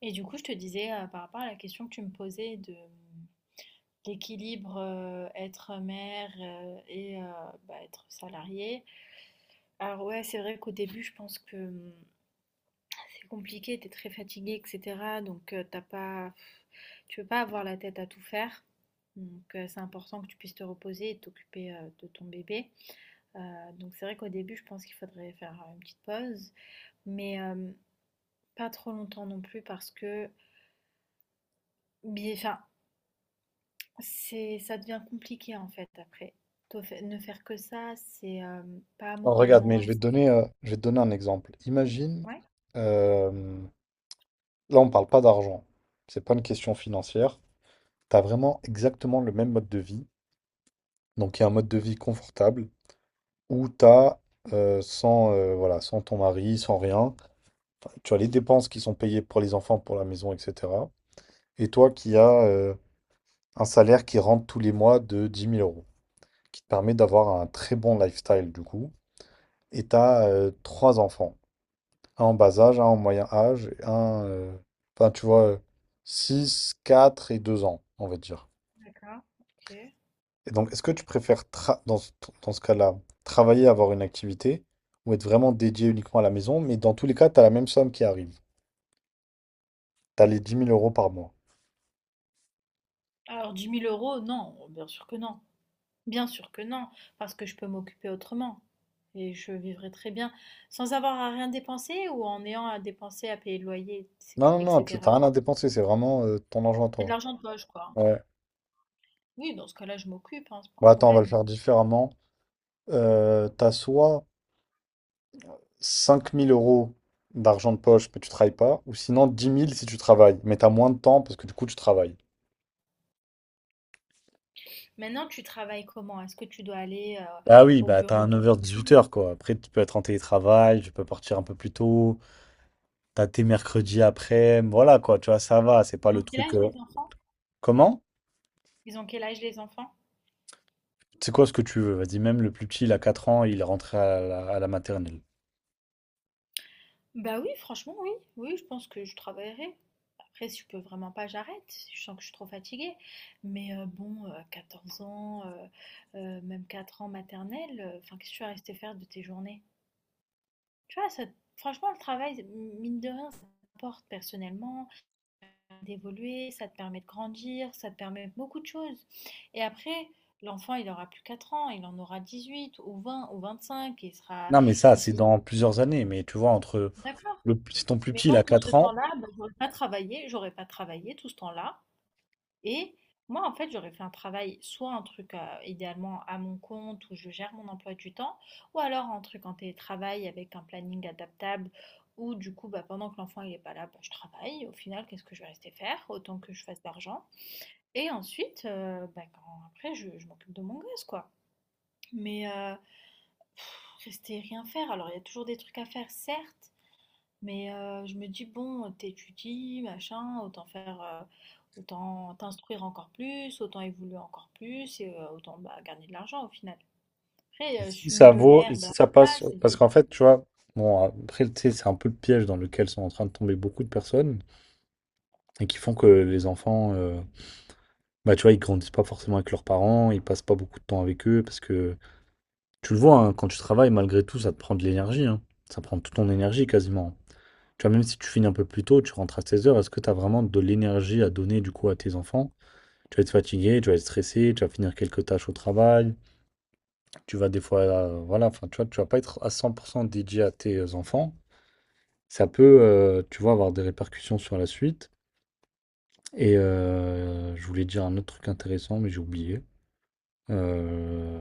Et du coup, je te disais par rapport à la question que tu me posais de l'équilibre être mère et bah, être salariée. Alors ouais, c'est vrai qu'au début, je pense que c'est compliqué, t'es très fatigué, etc. Donc t'as pas, tu peux pas avoir la tête à tout faire. Donc c'est important que tu puisses te reposer et t'occuper de ton bébé. Euh, donc c'est vrai qu'au début, je pense qu'il faudrait faire une petite pause, mais pas trop longtemps non plus parce que, bien, enfin, ça devient compliqué en fait après. Toi, ne faire que ça, c'est pas Non, regarde, moralement mais je vais te assez. donner, je vais te donner un exemple. Imagine, Ouais, euh, là on parle pas d'argent, c'est pas une question financière. Tu as vraiment exactement le même mode de vie. Donc il y a un mode de vie confortable où tu as sans, voilà, sans ton mari, sans rien. Enfin, tu as les dépenses qui sont payées pour les enfants, pour la maison, etc. Et toi qui as un salaire qui rentre tous les mois de 10 000 euros, qui te permet d'avoir un très bon lifestyle du coup. Et tu as trois enfants. Un en bas âge, un en moyen âge, et un... Enfin, tu vois, 6, 4 et 2 ans, on va dire. d'accord, ok. Et donc, est-ce que tu préfères, dans ce cas-là, travailler, avoir une activité, ou être vraiment dédié uniquement à la maison, mais dans tous les cas, tu as la même somme qui arrive. Tu as les 10 000 euros par mois. Alors dix mille euros, non, bien sûr que non. Bien sûr que non, parce que je peux m'occuper autrement. Et je vivrai très bien sans avoir à rien dépenser ou en ayant à dépenser, à payer le loyer, Non, non, non, tu n'as etc. rien à dépenser, c'est vraiment ton argent à C'est de toi. l'argent de poche, quoi. Ouais. Oui, dans ce cas-là, je m'occupe, hein, c'est pas un Bon, attends, on va le problème. faire différemment. Tu soit 5 000 euros d'argent de poche, mais tu travailles pas, ou sinon 10 000 si tu travailles, mais t'as moins de temps parce que du coup, tu travailles. Maintenant, tu travailles comment? Est-ce que tu dois aller Ah oui, au bah t'as bureau un tout le jour. 9h-18h quoi. Après, tu peux être en télétravail, tu peux partir un peu plus tôt, t'as tes mercredis après, voilà quoi, tu vois, ça va, c'est pas Ils le ont quel truc. âge euh, les enfants? Comment? Ils ont quel âge les enfants? C'est quoi ce que tu veux? Vas-y, même le plus petit, il a 4 ans, il est rentré à la maternelle. Bah oui, franchement, oui. Oui, je pense que je travaillerai. Après, si je peux vraiment pas, j'arrête si je sens que je suis trop fatiguée. Mais bon, 14 ans, même 4 ans maternelle, enfin, qu'est-ce que tu vas rester faire de tes journées? Tu vois, ça, franchement, le travail, mine de rien, ça t'apporte personnellement, d'évoluer, ça te permet de grandir, ça te permet beaucoup de choses. Et après, l'enfant, il aura plus 4 ans, il en aura 18 ou 20 ou 25, il sera. Non, mais ça, il- c'est il- dans plusieurs années, mais tu vois, entre D'accord. le, si ton plus Mais petit, il moi, a tout ce 4 ans, temps-là, bah, j'aurais pas travaillé tout ce temps-là. Et moi, en fait, j'aurais fait un travail, soit un truc idéalement à mon compte où je gère mon emploi du temps, ou alors un truc en télétravail avec un planning adaptable où du coup, bah, pendant que l'enfant il est pas là, bah, je travaille. Au final, qu'est-ce que je vais rester faire? Autant que je fasse d'argent. Et ensuite, bah, après, je m'occupe de mon gosse, quoi. Mais pff, rester rien faire. Alors, il y a toujours des trucs à faire, certes. Mais je me dis, bon, t'étudies, machin, autant faire, autant t'instruire encore plus, autant évoluer encore plus, et autant bah, gagner de l'argent au final. Après, et je si suis ça vaut, millionnaire, et si ça blablabla, passe, c'est. parce qu'en fait, tu vois, bon, après, tu sais, c'est un peu le piège dans lequel sont en train de tomber beaucoup de personnes et qui font que les enfants. Bah, tu vois, ils grandissent pas forcément avec leurs parents, ils passent pas beaucoup de temps avec eux parce que tu le vois, hein, quand tu travailles, malgré tout, ça te prend de l'énergie, hein. Ça prend toute ton énergie quasiment. Tu vois, même si tu finis un peu plus tôt, tu rentres à 16 heures, est-ce que tu as vraiment de l'énergie à donner du coup à tes enfants? Tu vas être fatigué, tu vas être stressé, tu vas finir quelques tâches au travail, tu vas des fois, voilà, enfin, tu vois, tu vas pas être à 100% dédié à tes enfants. Ça peut, tu vois, avoir des répercussions sur la suite. Et je voulais dire un autre truc intéressant, mais j'ai oublié. Heu,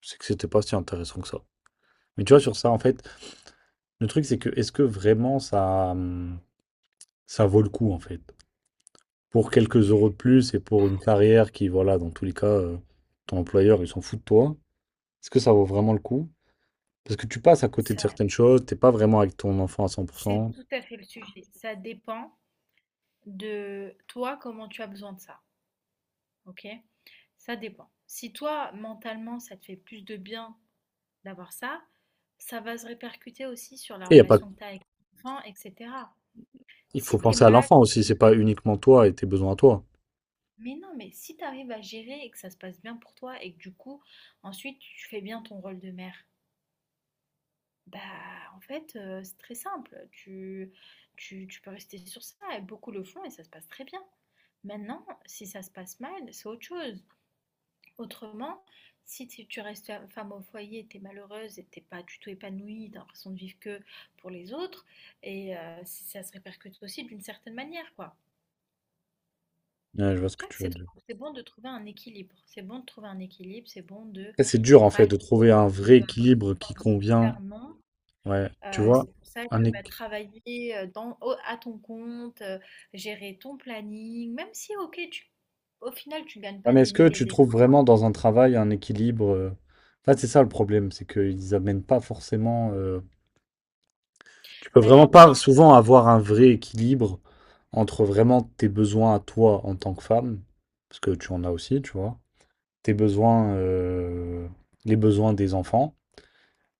c'est que c'était pas si intéressant que ça. Mais tu vois, sur ça, en fait, le truc, c'est que est-ce que vraiment ça, ça vaut le coup, en fait? Pour quelques euros de plus et pour une carrière qui, voilà, dans tous les cas, ton employeur, il s'en fout de toi. Est-ce que ça vaut vraiment le coup? Parce que tu passes à côté de Ça, certaines choses, t'es pas vraiment avec ton enfant à cent pour c'est cent tout à fait le sujet. Ça dépend de toi, comment tu as besoin de ça. Ok? Ça dépend. Si toi, mentalement, ça te fait plus de bien d'avoir ça, ça va se répercuter aussi sur la Et il y a pas. relation que tu as avec ton enfant, etc. Il faut Si tu es penser à mal. l'enfant aussi, c'est pas uniquement toi et tes besoins à toi. Mais non, mais si t'arrives à gérer et que ça se passe bien pour toi et que du coup, ensuite, tu fais bien ton rôle de mère, bah en fait, c'est très simple. Tu peux rester sur ça et beaucoup le font et ça se passe très bien. Maintenant, si ça se passe mal, c'est autre chose. Autrement, si tu restes femme au foyer, t'es malheureuse et t'es pas du tout épanouie, t'as l'impression de vivre que pour les autres, et ça se répercute aussi d'une certaine manière, quoi. Ouais, je vois ce Je que crois que tu veux dire. c'est bon de trouver un équilibre. C'est bon de trouver un équilibre, c'est bon de Et c'est dur ne en pas fait aller de trop trouver un de vrai équilibre qui 18 convient. heures, non. Ouais, tu Euh, vois, c'est pour ça un que bah, équ- travailler à ton compte, gérer ton planning, même si, ok, au final, tu gagnes ouais, pas mais des est-ce que mille et tu des trouves cents, vraiment dans un travail un équilibre? En fait, c'est ça le problème, c'est qu'ils amènent pas forcément. Tu peux bah, de vraiment plus pas en plus, souvent avoir un vrai équilibre entre vraiment tes besoins à toi en tant que femme, parce que tu en as aussi, tu vois, tes besoins, les besoins des enfants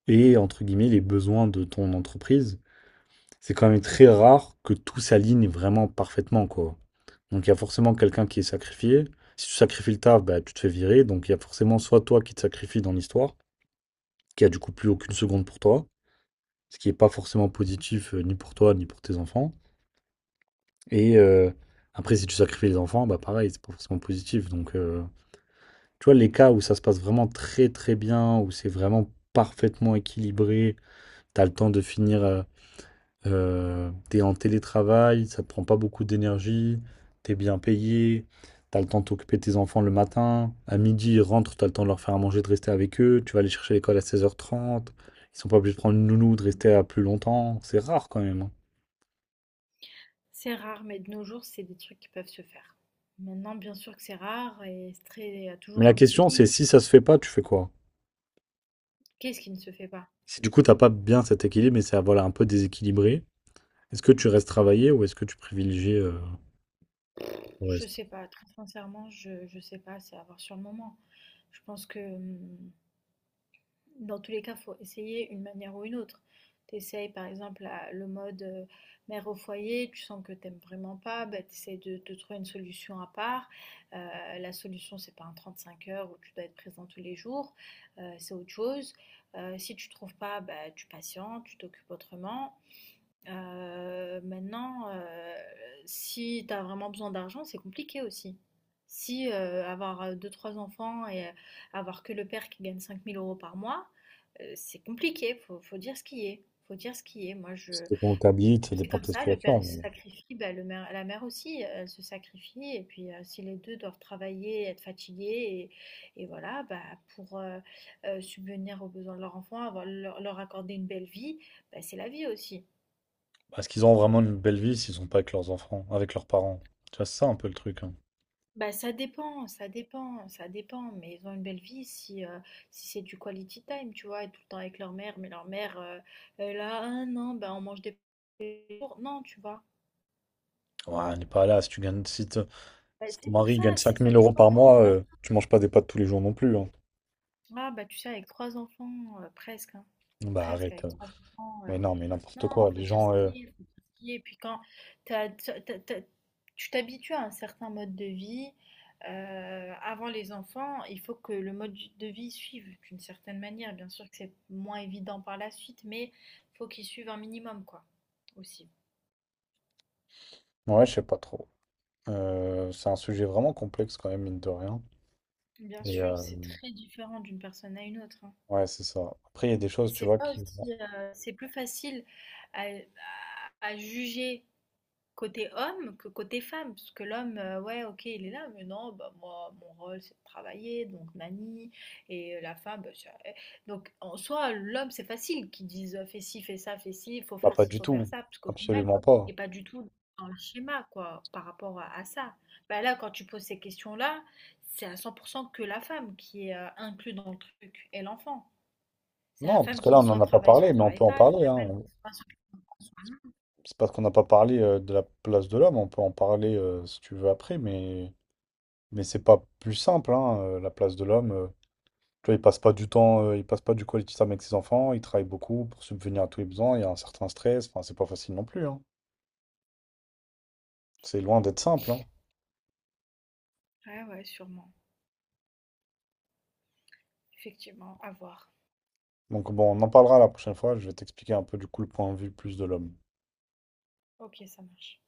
et entre guillemets les besoins de ton entreprise. C'est quand même très rare que tout s'aligne vraiment parfaitement, quoi. Donc il y a forcément quelqu'un qui est sacrifié. Si tu sacrifies le taf, bah, tu te fais virer. Donc il y a forcément soit toi qui te sacrifies dans l'histoire, qui a du coup plus aucune seconde pour toi, ce qui n'est pas forcément positif ni pour toi ni pour tes enfants. Et après, si tu sacrifies les enfants, bah pareil, c'est pas forcément positif. Donc, tu vois, les cas où ça se passe vraiment très très bien, où c'est vraiment parfaitement équilibré, t'as le temps de finir, t'es en télétravail, ça te prend pas beaucoup d'énergie, t'es bien payé, t'as le temps de t'occuper de tes enfants le matin, à midi ils rentrent, t'as le temps de leur faire à manger, de rester avec eux, tu vas les chercher à l'école à 16h30, ils sont pas obligés de prendre une nounou, de rester à plus longtemps, c'est rare quand même, hein. c'est rare, mais de nos jours, c'est des trucs qui peuvent se faire. Maintenant, bien sûr que c'est rare et c'est très, Mais toujours la un petit question, c'est hic. si ça se fait pas, tu fais quoi? Qu'est-ce qui ne se fait pas? Si du coup, t'as pas bien cet équilibre et c'est, voilà, un peu déséquilibré, est-ce que tu restes travailler ou est-ce que tu privilégies, le Je reste? sais pas, très sincèrement, je sais pas, c'est à voir sur le moment. Je pense que, dans tous les cas, faut essayer une manière ou une autre. Tu par exemple la le mode, mère au foyer, tu sens que t'aimes vraiment pas, bah, tu de trouver une solution à part. Heu, la solution, c'est pas un 35 heures où tu dois être présent tous les jours, c'est autre chose. Si tu trouves pas, bah, tu patientes, tu t'occupes autrement. Maintenant, si tu as vraiment besoin d'argent, c'est compliqué aussi. Si, avoir, deux trois enfants et avoir que le père qui gagne 5 000 € par mois, c'est compliqué, faut dire ce qui est, faut dire ce qui est. Moi je Ça dépend où tu habites, ça c'est dépend de comme ta ça, le père il situation, se mais sacrifie, bah, le mère la mère aussi, elle se sacrifie et puis, si les 2 doivent travailler, être fatigués et voilà, bah, pour, subvenir aux besoins de leur enfant, avoir leur accorder une belle vie, bah, c'est la vie aussi. est-ce qu'ils ont vraiment une belle vie s'ils sont pas avec leurs enfants, avec leurs parents? Tu vois, c'est ça un peu le truc, hein. Bah, ça dépend, ça dépend, ça dépend, mais ils ont une belle vie si, c'est du quality time, tu vois, être tout le temps avec leur mère, mais leur mère, elle a un an, bah, on mange des pour Non, tu vois. Ouais, on n'est pas là, si tu gagnes, si te Bah, si ton c'est pour mari ça, gagne cinq ça mille euros dépend de par la mois, situation. tu manges pas des pâtes tous les jours non plus, hein. Ah, bah, tu sais, avec trois enfants, presque, hein, Bah presque, arrête. avec euh. trois enfants. Mais non, mais Non, n'importe quoi. il faut Les dire ce gens. euh, qui est, faut dire ce qui est. Puis quand t'as- t'as- t'as- t'as- tu t'habitues à un certain mode de vie, avant les enfants, il faut que le mode de vie suive d'une certaine manière. Bien sûr que c'est moins évident par la suite, mais faut qu'il suive un minimum, quoi, aussi. Ouais, je sais pas trop. C'est un sujet vraiment complexe quand même, mine de rien. Bien Et sûr, c'est très différent d'une personne à une autre, hein. ouais, c'est ça. Après, il y a des Et choses, tu c'est vois, pas qui... aussi, c'est plus facile à juger côté homme que côté femme, parce que l'homme, ouais, OK, il est là, mais non, bah, moi, mon rôle, c'est de travailler, donc nani et la femme, bah, c'est elle donc en soi, l'homme, c'est facile qu'ils disent, «Fais ci, fais ça, fais Bah, pas ci, du faut faire tout. ça», parce qu'au final, Absolument il pas. es pas du tout dans le schéma, quoi, par rapport à ça. Bah, là, quand tu poses ces questions-là, c'est à 100 % que la femme qui est, inclus dans le truc et l'enfant. C'est la Non, parce femme que là, qui on n'en a pas soit parlé, mais on travaille peut en pas, c'est parler, la hein. femme qui soit. C'est parce qu'on n'a pas parlé de la place de l'homme, on peut en parler si tu veux après, mais c'est pas plus simple, hein, la place de l'homme. Tu vois, il passe pas du temps, il passe pas du quality time avec ses enfants, il travaille beaucoup pour subvenir à tous les besoins, il y a un certain stress, enfin c'est pas facile non plus, hein. C'est loin d'être simple, hein. Ouais, ouais, sûrement, effectivement, à voir. Donc bon, on en parlera la prochaine fois, je vais t'expliquer un peu du coup le point de vue plus de l'homme. Ok, ça marche.